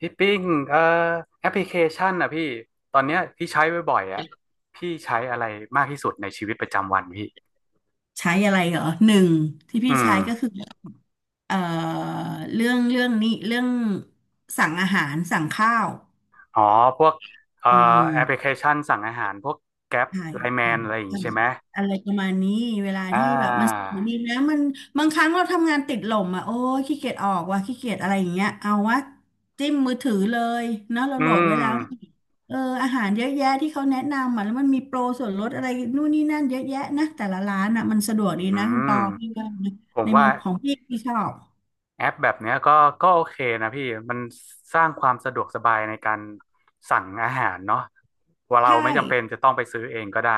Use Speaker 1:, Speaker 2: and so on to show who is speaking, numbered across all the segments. Speaker 1: พี่ปิ้งเอ่อแอปพลิเคชันอ่ะพี่ตอนเนี้ยพี่ใช้บ่อยๆอ่ะพี่ใช้อะไรมากที่สุดในชีวิตประจำวันพี่
Speaker 2: ใช้อะไรเหรอหนึ่งที่
Speaker 1: อื
Speaker 2: พี่ใช้ก็
Speaker 1: ม
Speaker 2: คือเอ่อเรื่องนี้เรื่องสั่งอาหารสั่งข้าว
Speaker 1: อ๋อพวกเอ่อ
Speaker 2: อื
Speaker 1: แอปพลิเค
Speaker 2: ม
Speaker 1: ชันสั่งอาหารพวกแกร็ป
Speaker 2: ถ่าย
Speaker 1: ไลแม
Speaker 2: ถ่า
Speaker 1: น
Speaker 2: ย
Speaker 1: อะไรอย่างงี้
Speaker 2: ถ่า
Speaker 1: ใช่
Speaker 2: ย
Speaker 1: ไหม
Speaker 2: อะไรประมาณนี้เวลา
Speaker 1: อ่า
Speaker 2: ที่แบบมันสนุกดีนะมันบางครั้งเราทำงานติดหล่มอ่ะโอ้ยขี้เกียจออกว่ะขี้เกียจอะไรอย่างเงี้ยเอาวะจิ้มมือถือเลยเนาะเรา
Speaker 1: อื
Speaker 2: โหลดไว้
Speaker 1: ม
Speaker 2: แล้วเอออาหารเยอะแยะที่เขาแนะนำอ่ะแล้วมันมีโปรส่วนลดอะไรนู่นนี่นั่นเยอะแยะนะแต่ละร้านอ่ะมันสะดวก
Speaker 1: อื
Speaker 2: ดีนะคุณป
Speaker 1: ม
Speaker 2: อพี่ว่านะ
Speaker 1: ผม
Speaker 2: ใน
Speaker 1: ว่า
Speaker 2: มุมของพี่พี่ชอบ
Speaker 1: แอปแบบเนี้ยก็โอเคนะพี่มันสร้างความสะดวกสบายในการสั่งอาหารเนาะว่าเรา
Speaker 2: ใช่
Speaker 1: ไม่จำเป็นจะต้องไปซื้อเองก็ได้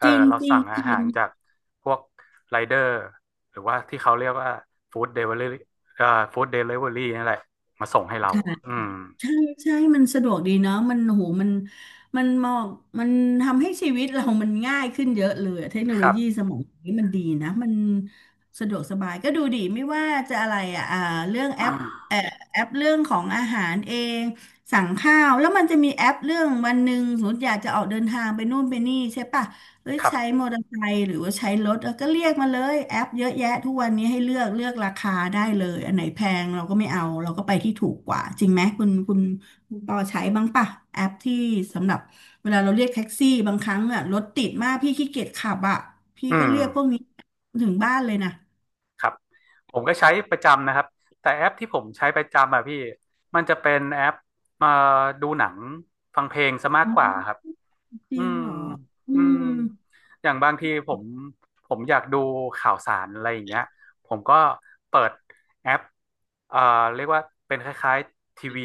Speaker 1: เอ
Speaker 2: จ
Speaker 1: อ
Speaker 2: ริง
Speaker 1: เรา
Speaker 2: จริง
Speaker 1: สั่ง
Speaker 2: จ
Speaker 1: อา
Speaker 2: ริ
Speaker 1: หา
Speaker 2: ง
Speaker 1: รจากพวกไรเดอร์หรือว่าที่เขาเรียกว่าฟู้ดเดลิเวอรี่เอ่อฟู้ดเดลิเวอรี่นั่นแหละมาส่งให้เรา
Speaker 2: ค่ะ
Speaker 1: อืม
Speaker 2: ใช่ใช่มันสะดวกดีเนาะมันมันมองมันทำให้ชีวิตเรามันง่ายขึ้นเยอะเลย เทคโน
Speaker 1: ค
Speaker 2: โล
Speaker 1: รับ
Speaker 2: ยีสมัยนี้มันดีนะมันสะดวกสบายก็ดูดีไม่ว่าจะอะไรอ่ะเรื่องแอป แอปเรื่องของอาหารเอง สั่งข้าวแล้วมันจะมีแอปเรื่องวันหนึ่งสมมติอยากจะออกเดินทางไปนู่นไปนี่ใช่ปะ เอ้ย
Speaker 1: ครั
Speaker 2: ใช้ม
Speaker 1: บ
Speaker 2: อเตอร์ไซค์หรือว่าใช้รถเออก็เรียกมาเลยแอปเยอะแยะทุกวันนี้ให้เลือกเลือกราคาได้เลยอันไหนแพงเราก็ไม่เอาเราก็ไปที่ถูกกว่าจริงไหมคุณคุณปอใช้บ้างปะแอปที่สำหรับเวลาเราเรียกแท็กซี่บางครั้งอะรถติดมากพี่ขี้เกียจขับอะพี่
Speaker 1: อื
Speaker 2: ก็
Speaker 1: ม
Speaker 2: เรียกพวกนี้ถึงบ้านเลยนะ
Speaker 1: ผมก็ใช้ประจำนะครับแต่แอปที่ผมใช้ประจำอะพี่มันจะเป็นแอปมาดูหนังฟังเพลงซะมาก
Speaker 2: อ๋
Speaker 1: กว่า
Speaker 2: อ
Speaker 1: ครับ
Speaker 2: จ
Speaker 1: อื
Speaker 2: ริง
Speaker 1: ม
Speaker 2: เหรออื
Speaker 1: อืม
Speaker 2: ม
Speaker 1: อย่างบางทีผมอยากดูข่าวสารอะไรอย่างเงี้ยผมก็เปิดแอปเอ่อเรียกว่าเป็นคล้ายๆทีวี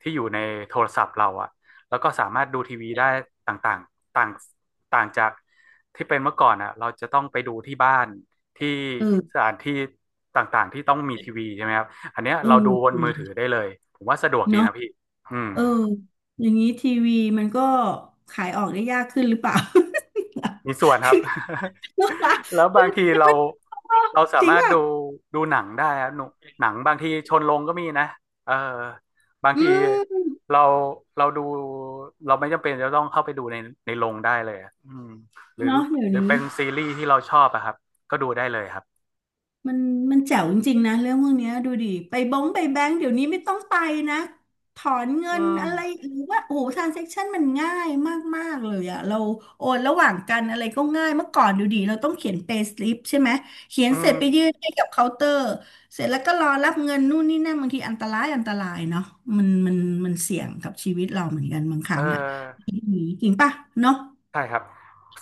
Speaker 1: ที่อยู่ในโทรศัพท์เราอะแล้วก็สามารถดูทีวีได้ต่างๆต่างต่างจากที่เป็นเมื่อก่อนอะเราจะต้องไปดูที่บ้านที่
Speaker 2: เอ
Speaker 1: ส
Speaker 2: อ
Speaker 1: ถานที่ต่างๆที่ต้องมีทีวีใช่ไหมครับอันเนี้ย
Speaker 2: เออ
Speaker 1: เราดูบ
Speaker 2: จ
Speaker 1: น
Speaker 2: ริ
Speaker 1: มือถื
Speaker 2: ง
Speaker 1: อได้เลยผมว่าสะดวกดี
Speaker 2: เนาะ
Speaker 1: นะพี่อืม
Speaker 2: เอออย่างนี้ทีวีมันก็ขายออกได้ยากขึ้นหรือเปล่า
Speaker 1: มีส่วนครับ แล้ วบางทีเราสา
Speaker 2: จริง
Speaker 1: มารถ
Speaker 2: ป่ะ
Speaker 1: ดูหนังได้ครับหนุหนังบางทีชนลงก็มีนะเออบาง
Speaker 2: อื
Speaker 1: ที
Speaker 2: ม
Speaker 1: เราเราดูเราไม่จำเป็นจะต้องเข้าไปดูในในโรงได้เลยอะอืมหรือ
Speaker 2: เนาะเดี๋ยว
Speaker 1: หรือ
Speaker 2: นี้
Speaker 1: เป็นซีรีส์ที่เราชอบอะครับก็ดูได้เลยครับ
Speaker 2: มันมันแจ๋วจริงๆนะเรื่องพวกเนี้ยดูดิไปบ้งไปแบงก์เดี๋ยวนี้ไม่ต้องไปนะถอนเงิ
Speaker 1: อื
Speaker 2: น
Speaker 1: ม
Speaker 2: อะไรหรือว่าโอ้โหทรานเซ็คชันมันง่ายมากๆเลยอะเราโอนระหว่างกันอะไรก็ง่ายเมื่อก่อนดูดิเราต้องเขียน pay slip ใช่ไหมเขียน
Speaker 1: อื
Speaker 2: เสร็
Speaker 1: ม
Speaker 2: จไปยื่นให้กับเคาน์เตอร์เสร็จแล้วก็รอรับเงินนู่นนี่นั่นบางทีอันตรายอันตรายเนาะมันมันมันเสี่ยงกับชีวิตเราเหมือนกันบางค
Speaker 1: เออ
Speaker 2: รั้งอะจริงป่ะเนาะ
Speaker 1: ใช่ครับ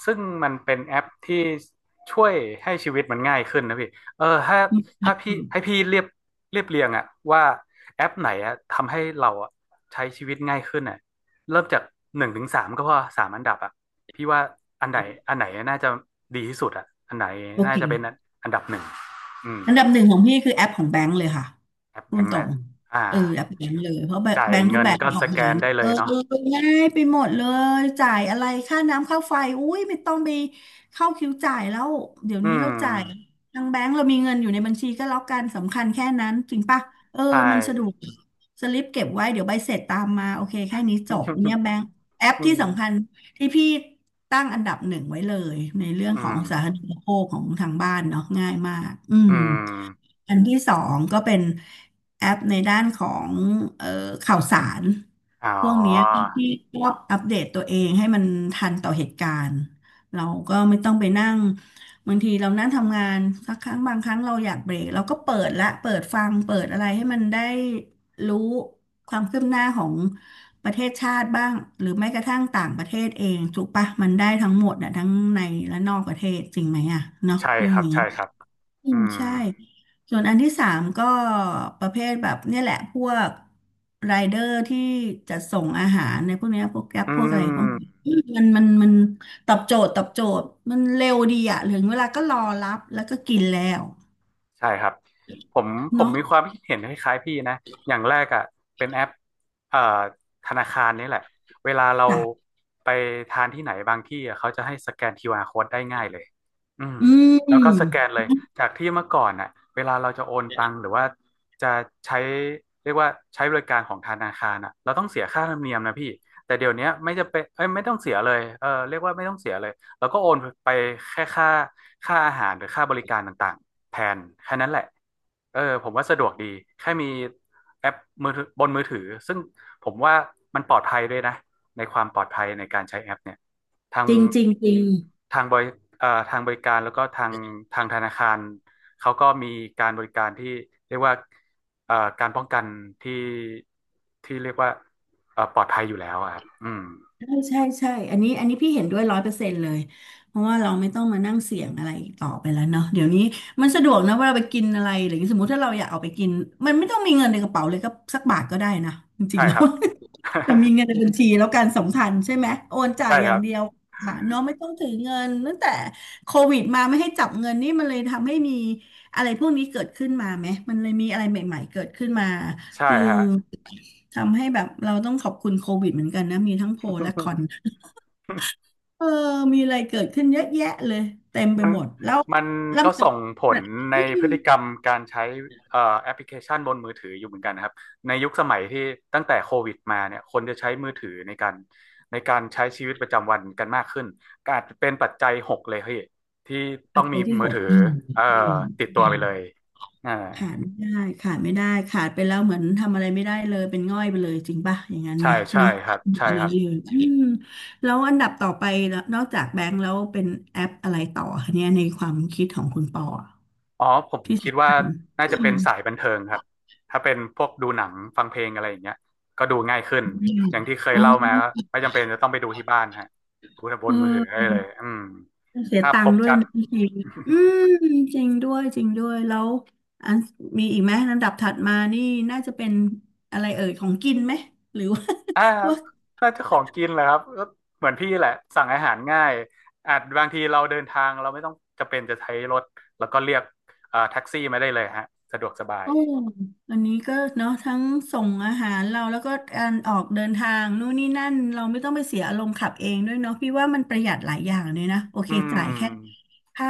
Speaker 1: ซึ่งมันเป็นแอปที่ช่วยให้ชีวิตมันง่ายขึ้นนะพี่ เออถ้า
Speaker 2: อืม
Speaker 1: ถ้าพี่ให้พี่เรียบเรียบเรียงอะว่าแอปไหนอะทำให้เราอะใช้ชีวิตง่ายขึ้นอะเริ่มจากหนึ่งถึงสามก็พอสามอันดับอะพี่ว่าอันไหนอันไหนน่าจะดีที่สุดอะอันไหน
Speaker 2: โอ
Speaker 1: น่า
Speaker 2: เค
Speaker 1: จะเป็นอันดับหนึ่งอืม
Speaker 2: อันดับหนึ่งของพี่คือแอปของแบงก์เลยค่ะ
Speaker 1: แอปแบ
Speaker 2: พูด
Speaker 1: งค์
Speaker 2: ตร
Speaker 1: นะ
Speaker 2: ง
Speaker 1: อ่า
Speaker 2: เออแอปแบงก์เลยเพราะแ
Speaker 1: จ่าย
Speaker 2: บงก์ทุก
Speaker 1: เงิน
Speaker 2: แบงก์
Speaker 1: ก็
Speaker 2: อ
Speaker 1: ส
Speaker 2: อก
Speaker 1: แก
Speaker 2: มา
Speaker 1: น
Speaker 2: เนี่ย
Speaker 1: ได้เล
Speaker 2: เออ
Speaker 1: ยเนาะ
Speaker 2: เออง่ายไปหมดเลยจ่ายอะไรค่าน้ำค่าไฟอุ้ยไม่ต้องไปเข้าคิวจ่ายแล้วเดี๋ยว
Speaker 1: อื
Speaker 2: นี้เราจ่าย
Speaker 1: ม
Speaker 2: ทางแบงก์เรามีเงินอยู่ในบัญชีก็แล้วกันสำคัญแค่นั้นจริงปะเออ
Speaker 1: ใช่
Speaker 2: มันสะดวกสลิปเก็บไว้เดี๋ยวใบเสร็จตามมาโอเคแค่นี้จบเนี่ยแบงก์แอป
Speaker 1: อื
Speaker 2: ที่สำคั
Speaker 1: ม
Speaker 2: ญ ที่พี่ตั้งอันดับหนึ่งไว้เลยในเรื่อง
Speaker 1: อื
Speaker 2: ของ
Speaker 1: ม
Speaker 2: สาธารณูปโภคของทางบ้านเนาะง่ายมากอืม
Speaker 1: อืม
Speaker 2: อันที่สองก็เป็นแอปในด้านของเอ่อข่าวสาร
Speaker 1: อ๋
Speaker 2: พวกเนี้ย
Speaker 1: อ
Speaker 2: ที่ก็อัปเดตตัวเองให้มันทันต่อเหตุการณ์เราก็ไม่ต้องไปนั่งบางทีเรานั่งทำงานสักครั้งบางครั้งเราอยากเบรกเราก็เปิดละเปิดฟังเปิดอะไรให้มันได้รู้ความคืบหน้าของประเทศชาติบ้างหรือแม้กระทั่งต่างประเทศเองถูกปะมันได้ทั้งหมดอ่ะทั้งในและนอกประเทศจริงไหมอะเนาะ
Speaker 1: ใช่
Speaker 2: เรื่
Speaker 1: ค
Speaker 2: อง
Speaker 1: รับ
Speaker 2: นี้
Speaker 1: ใช่ครับ
Speaker 2: อื
Speaker 1: อื
Speaker 2: ม
Speaker 1: ม
Speaker 2: ใช่ส่วนอันที่สามก็ประเภทแบบเนี่ยแหละพวกไรเดอร์ที่จัดส่งอาหารในพวกเนี้ยพวกแกร็บ
Speaker 1: อื
Speaker 2: พวกอะไรพวก
Speaker 1: ม
Speaker 2: นี้อืมมันตอบโจทย์ตอบโจทย์มันเร็วดีอะถึงเวลาก็รอรับแล้วก็กินแล้ว
Speaker 1: ใช่ครับผมผม
Speaker 2: เนาะ
Speaker 1: มีความคิดเห็นคล้ายๆพี่นะอย่างแรกอ่ะเป็นแอปเอ่อธนาคารนี่แหละเวลาเรา
Speaker 2: จ้ะ
Speaker 1: ไปทานที่ไหนบางที่อะเขาจะให้สแกนคิวอาร r code ได้ง่ายเลยอืม
Speaker 2: อื
Speaker 1: แล้วก็สแก
Speaker 2: ม
Speaker 1: นเลยจากที่เมื่อก่อนอ่ะเวลาเราจะโอนตังค์หรือว่าจะใช้เรียกว่าใช้บริการของธนาคารอ่ะเราต้องเสียค่าธรรมเนียมนะพี่แต่เดี๋ยวเนี้ยไม่จะเป็นเอ้ยไม่ต้องเสียเลยเออเรียกว่าไม่ต้องเสียเลย แล้วก็โอนไปแค่ค่าค่าอาหารหรือค่าบริการต่างๆแทนแค่นั้นแหละเออผมว่าสะดวกดีแค่มีแอปมือถือบนมือถือซึ่งผมว่ามันปลอดภัยด้วยนะในความปลอดภัยในการใช้แอปเนี่ยทาง
Speaker 2: จริงจริงจริง
Speaker 1: ทางบริทางบริการแล้วก็ทางธนาคารเขาก็มีการบริการที่เรียกว่าเอ่อการป้องกันที่ที่เรียกว่าปลอดภัยอยู่แล้วอะครับอืม
Speaker 2: ใช่ใช่ใช่อันนี้พี่เห็นด้วย100%เลยเพราะว่าเราไม่ต้องมานั่งเสี่ยงอะไรอีกต่อไปแล้วเนาะเดี๋ยวนี้มันสะดวกนะเวลาไปกินอะไรหรืออย่างสมมติถ้าเราอยากเอาไปกินมันไม่ต้องมีเงินในกระเป๋าเลยก็สักบาทก็ได้นะจริ
Speaker 1: ใช่
Speaker 2: งๆ แล้
Speaker 1: ค
Speaker 2: ว
Speaker 1: รับ
Speaker 2: จะมีเงินในบัญชีแล้วการสำคัญใช่ไหมโอนจ่าย
Speaker 1: ใช่
Speaker 2: อ
Speaker 1: ค
Speaker 2: ย่า
Speaker 1: รั
Speaker 2: ง
Speaker 1: บ
Speaker 2: เดียวค่ะเนาะไม่ต้องถือเงินตั้งแต่โควิดมาไม่ให้จับเงินนี่มันเลยทำให้มีอะไรพวกนี้เกิดขึ้นมาไหมมันเลยมีอะไรใหม่ๆเกิดขึ้นมา
Speaker 1: ใช่
Speaker 2: คือ
Speaker 1: ฮะ
Speaker 2: ทำให้แบบเราต้องขอบคุณโควิดเหมือนกันนะมีทั้งโปรและคอน เออมีอะไรเกิดขึ้นเยอะแยะเลยเต็มไป
Speaker 1: มัน
Speaker 2: หมดแล้ว
Speaker 1: มันก็
Speaker 2: ลำดั
Speaker 1: ส่
Speaker 2: บ
Speaker 1: งผลใน
Speaker 2: อื
Speaker 1: พฤติกร
Speaker 2: ม
Speaker 1: รมการใช้แอปพลิเคชันบนมือถืออยู่เหมือนกันนะครับในยุคสมัยที่ตั้งแต่โควิดมาเนี่ยคนจะใช้มือถือในการในการใช้ชีวิตประจำวันกันมากขึ้นก็อาจจะเป็นปัจจัยหกเลยพี่ที่ต้
Speaker 2: ปั
Speaker 1: อ
Speaker 2: จ
Speaker 1: ง
Speaker 2: จั
Speaker 1: มี
Speaker 2: ยที่
Speaker 1: มื
Speaker 2: ห
Speaker 1: อ
Speaker 2: ก
Speaker 1: ถือ
Speaker 2: อืม
Speaker 1: เอ่อ
Speaker 2: อืม
Speaker 1: ติดตัวไปเลยอ่า
Speaker 2: ขาดไม่ได้ขาดไม่ได้ขาดไปแล้วเหมือนทำอะไรไม่ได้เลยเป็นง่อยไปเลยจริงป่ะอย่างนั้น
Speaker 1: ใช่
Speaker 2: ไหม
Speaker 1: ใช่
Speaker 2: เนาะ
Speaker 1: ครับ
Speaker 2: อืม
Speaker 1: ใช่
Speaker 2: อื
Speaker 1: ครับ
Speaker 2: มอืมแล้วอันดับต่อไปแล้วนอกจากแบงก์แล้วเป็นแอปอะไรต่อคะเนี่ยในความคิดของคุณปออะ
Speaker 1: อ๋อผม
Speaker 2: ที่
Speaker 1: คิด
Speaker 2: สำ
Speaker 1: ว่า
Speaker 2: คัญ
Speaker 1: น่า
Speaker 2: อื
Speaker 1: จะเป็
Speaker 2: ม
Speaker 1: นสายบันเทิงครับถ้าเป็นพวกดูหนังฟังเพลงอะไรอย่างเงี้ยก็ดูง่ายขึ้นอย่างที่เคย
Speaker 2: อ๋อ
Speaker 1: เล่ามาก็ไม่จำเป็นจะต้องไปดูที่บ้านฮะดูบ
Speaker 2: เ
Speaker 1: นมือถือได้เลย
Speaker 2: ออ
Speaker 1: อืม
Speaker 2: เสีย
Speaker 1: ภาพ
Speaker 2: ตั
Speaker 1: ค
Speaker 2: งค์
Speaker 1: ม
Speaker 2: ด้วย
Speaker 1: ชัด
Speaker 2: นะจริงอืมจริงด้วยจริงด้วยแล้วอันมีอีกไหมลำดับถัดมานี่น่าจะเป็นอะไรเอ่ยของกินไหมหรือว่า
Speaker 1: อ่า
Speaker 2: ว่า
Speaker 1: น่าจะของกินแหละครับก็เหมือนพี่แหละสั่งอาหารง่ายอาจบางทีเราเดินทางเราไม่ต้องจำเป็นจะใช้รถแล้วก็เรียกแท็กซี่มาได้เลยฮะสะดวกสบาย
Speaker 2: โอ้อันนี้ก็เนาะทั้งส่งอาหารเราแล้วก็การออกเดินทางนู่นนี่นั่นเราไม่ต้องไปเสียอารมณ์ขับเองด้วยเนาะพี่ว่ามันประหยัดหลายอย่างเลยนะโอเค
Speaker 1: อื
Speaker 2: จ่ายแค่
Speaker 1: ม
Speaker 2: ค่า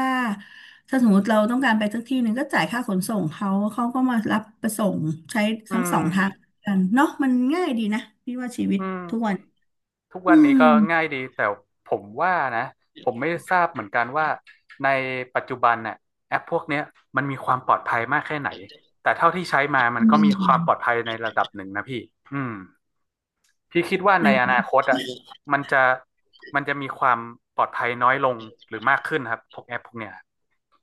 Speaker 2: ถ้าสมมติเราต้องการไปสักที่หนึ่งก็จ่ายค่าขนส่งเขาเขาก็มารับไปส่งใช้
Speaker 1: อื
Speaker 2: ทั้งสอ
Speaker 1: ม
Speaker 2: งทางกันเนาะมันง่ายดีนะพี่ว่าชีวิต
Speaker 1: อืม
Speaker 2: ทุกวัน
Speaker 1: ทุก
Speaker 2: อื
Speaker 1: วัน
Speaker 2: ม
Speaker 1: นี้ก็ง่ายดีแต่ผมว่านะผมไม่ทราบเหมือนกันว่าในปัจจุบันน่ะแอปพวกเนี้ยมันมีความปลอดภัยมากแค่ไหนแต่เท่าที่ใช้
Speaker 2: อ
Speaker 1: มา มันก็มีความปล
Speaker 2: ื
Speaker 1: อดภัยในระดับหนึ่งนะพี่อืมพี่คิดว่าในอนา
Speaker 2: ม
Speaker 1: คตอ่ะมันจะมันจะมีความปลอดภัยน้อยลงหรือมากขึ้นครับพวกแอปพวกเนี้ย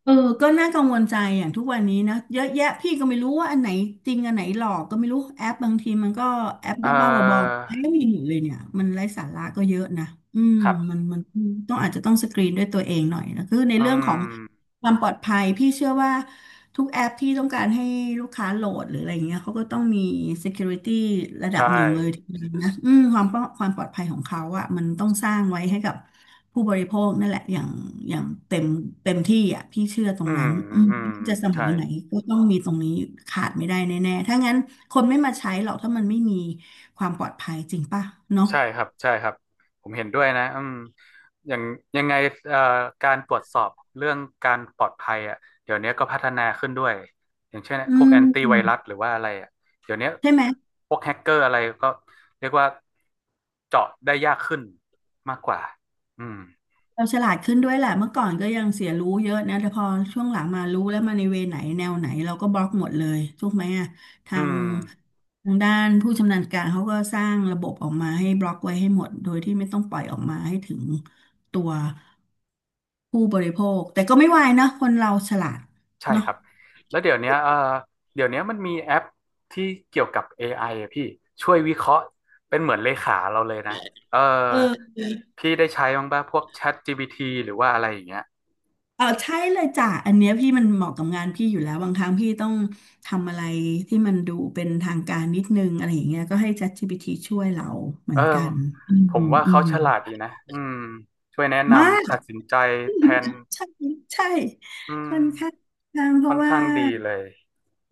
Speaker 2: เออก็น่ากังวลใจอย่างทุกวันนี้นะเยอะแยะพี่ก็ไม่รู้ว่าอันไหนจริงอันไหนหลอกก็ไม่รู้แอปบางทีมันก็แอป
Speaker 1: เอ
Speaker 2: บ้าๆบอ
Speaker 1: อ
Speaker 2: ๆให้ไม่หมดเลยเนี่ยมันไร้สาระก็เยอะนะอืม
Speaker 1: ครั
Speaker 2: มั
Speaker 1: บ
Speaker 2: นมันต้องอาจจะต้องสกรีนด้วยตัวเองหน่อยนะคือใน
Speaker 1: อื
Speaker 2: เรื่องของ
Speaker 1: ม
Speaker 2: ความปลอดภัยพี่เชื่อว่าทุกแอปที่ต้องการให้ลูกค้าโหลดหรืออะไรอย่างเงี้ยเขาก็ต้องมี security ระดั
Speaker 1: ใช่
Speaker 2: บหนึ่งเลยทีเดียวนะอืมความปอความปลอดภัยของเขาอะมันต้องสร้างไว้ให้กับผู้บริโภคนั่นแหละอย่างอย่างเต็มเต็มที่อะพี่เชื่อตร
Speaker 1: อื
Speaker 2: ง
Speaker 1: ม
Speaker 2: นั้นอืม
Speaker 1: อืม
Speaker 2: จะสมั
Speaker 1: ใช่
Speaker 2: ยไหนก็ต้องมีตรงนี้ขาดไม่ได้แน่ๆถ้างั้นคนไม่มาใช้หรอกถ้ามันไม่มีความปลอดภัยจริงป่ะเนาะ
Speaker 1: ใช่ครับใช่ครับผมเห็นด้วยนะอืมอย่างยังไงเอ่อการตรวจสอบเรื่องการปลอดภัยอ่ะเดี๋ยวนี้ก็พัฒนาขึ้นด้วยอย่างเช่น
Speaker 2: อื
Speaker 1: พวกแอ
Speaker 2: ม
Speaker 1: นตี้ไวรัสหรือว่าอะไรอ่ะเดี๋ยวนี้
Speaker 2: ใช่ไหม
Speaker 1: พวกแฮกเกอร์อะไรก็เรียกว่าเจาะได้ยากขึ้นมากกว่าอืม
Speaker 2: เราฉลาดขึ้นด้วยแหละเมื่อก่อนก็ยังเสียรู้เยอะนะแต่พอช่วงหลังมารู้แล้วมาในเวไหนแนวไหนเราก็บล็อกหมดเลยถูกไหมอ่ะทา
Speaker 1: อื
Speaker 2: ง
Speaker 1: ม
Speaker 2: ทางด้านผู้ชำนาญการเขาก็สร้างระบบออกมาให้บล็อกไว้ให้หมดโดยที่ไม่ต้องปล่อยออกมาให้ถึงตัวผู้บริโภคแต่ก็ไม่วายนะคนเราฉลาด
Speaker 1: ใช่ค
Speaker 2: เนาะ
Speaker 1: รับแล้วเดี๋ยวเนี้ยเออเดี๋ยวเนี้ยมันมีแอปที่เกี่ยวกับ AI อไออะพี่ช่วยวิเคราะห์เป็นเหมือนเลขาเราเลยนะเออ
Speaker 2: เออ
Speaker 1: พี่ได้ใช้บ้างป่ะพวก ChatGPT หรือว่าอะไรอย่างเงี้ย
Speaker 2: ใช่เลยจ้ะอันเนี้ยพี่มันเหมาะกับงานพี่อยู่แล้วบางครั้งพี่ต้องทำอะไรที่มันดูเป็นทางการนิดนึงอะไรอย่างเงี้ยก็ให้ ChatGPT ช่วยเราเหมื
Speaker 1: เอ
Speaker 2: อ
Speaker 1: อ
Speaker 2: นกันอืม
Speaker 1: ผมว่า
Speaker 2: อื
Speaker 1: เขา
Speaker 2: ม
Speaker 1: ฉลาดดีนะอืมช่วยแนะ
Speaker 2: มาก
Speaker 1: นำตัดสินใจแทน
Speaker 2: ใช่ใช่
Speaker 1: อื
Speaker 2: ค่
Speaker 1: ม
Speaker 2: อนข้างดังเพ
Speaker 1: ค่อ
Speaker 2: ราะ
Speaker 1: น
Speaker 2: ว่า
Speaker 1: ข้างดีเลย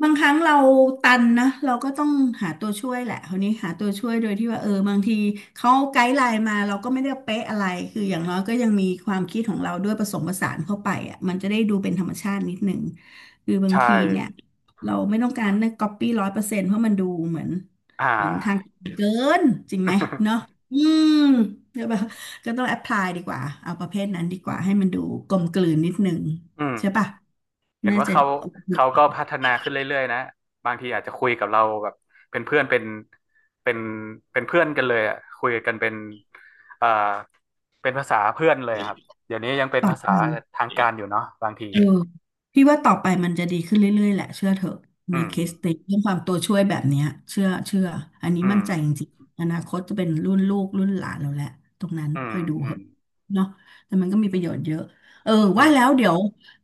Speaker 2: บางครั้งเราตันนะเราก็ต้องหาตัวช่วยแหละคราวนี้หาตัวช่วยโดยที่ว่าบางทีเขาไกด์ไลน์มาเราก็ไม่ได้เป๊ะอะไรคืออย่างน้อยก็ยังมีความคิดของเราด้วยผสมผสานเข้าไปอ่ะมันจะได้ดูเป็นธรรมชาตินิดหนึ่งคือบาง
Speaker 1: ใช่
Speaker 2: ทีเนี่ยเราไม่ต้องการเนี่ยก๊อปปี้100%เพราะมันดูเหมือน
Speaker 1: อ่
Speaker 2: เหมือนทาง
Speaker 1: า
Speaker 2: เกินจริงไหมเนาะ อืมใช่ปะ ก็ต้องแอ p พลายดีกว่าเอาประเภทนั้นดีกว่าให้มันดูกลมกลืนนิดนึง
Speaker 1: อืม
Speaker 2: ใช่ปะ
Speaker 1: เห็น
Speaker 2: น่า
Speaker 1: ว่า
Speaker 2: จะ
Speaker 1: เขา
Speaker 2: โอ
Speaker 1: เขาก็
Speaker 2: เค
Speaker 1: พัฒนาขึ้นเรื่อยๆนะบางทีอาจจะคุยกับเราแบบเป็นเพื่อนเป็นเป็นเป็นเพื่อนกันเลยอ่ะคุยกันเป็นเอ่อเป็นภาษาเพื่อนเลยครับเดี๋ยวนี้ยังเป็น
Speaker 2: ตอ
Speaker 1: ภา
Speaker 2: บ
Speaker 1: ษา
Speaker 2: ไป
Speaker 1: ทางการอยู่เนาะบางที
Speaker 2: เออพี่ว่าต่อไปมันจะดีขึ้นเรื่อยๆแหละเชื่อเถอะ
Speaker 1: อื
Speaker 2: ใน
Speaker 1: ม
Speaker 2: เคสติเรื่องความตัวช่วยแบบเนี้ยเชื่อเชื่ออันนี้
Speaker 1: อื
Speaker 2: มั่น
Speaker 1: ม
Speaker 2: ใจจริงๆอนาคตจะเป็นรุ่นลูกรุ่นหลานเราแหละตรงนั้น
Speaker 1: อืม
Speaker 2: ค่อยดู
Speaker 1: อื
Speaker 2: เห
Speaker 1: ม
Speaker 2: อะเนาะแต่มันก็มีประโยชน์เยอะเออ
Speaker 1: อื
Speaker 2: ว่า
Speaker 1: ม
Speaker 2: แล้วเดี๋ยว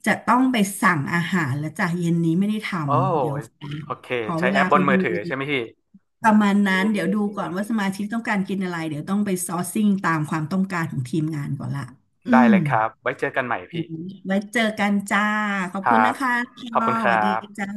Speaker 2: จะต้องไปสั่งอาหารแล้วจ้ะเย็นนี้ไม่ได้ท
Speaker 1: โอ้
Speaker 2: ำเดี๋ยวขอ
Speaker 1: โอเค
Speaker 2: ขอ
Speaker 1: ใช้
Speaker 2: เว
Speaker 1: แอ
Speaker 2: ลา
Speaker 1: ปบ
Speaker 2: ไป
Speaker 1: นมื
Speaker 2: ดู
Speaker 1: อถือใช่ไหมพี่
Speaker 2: ประมาณ
Speaker 1: เอ๊
Speaker 2: นั้นเดี๋ยวดูก่อน
Speaker 1: ะ
Speaker 2: ว่าสมาชิกต้องการกินอะไรเดี๋ยวต้องไปซอร์ซิ่งตามความต้องการของทีมงานก่อนละอื
Speaker 1: ได้
Speaker 2: ม
Speaker 1: เลยครับไว้เจอกันใหม่พี่
Speaker 2: ไว้เจอกันจ้า ขอ
Speaker 1: ค
Speaker 2: บ
Speaker 1: รั
Speaker 2: คุณ
Speaker 1: บ
Speaker 2: นะคะชอ
Speaker 1: ขอบ
Speaker 2: ส
Speaker 1: คุณครั
Speaker 2: วัสดี
Speaker 1: บ
Speaker 2: จ้า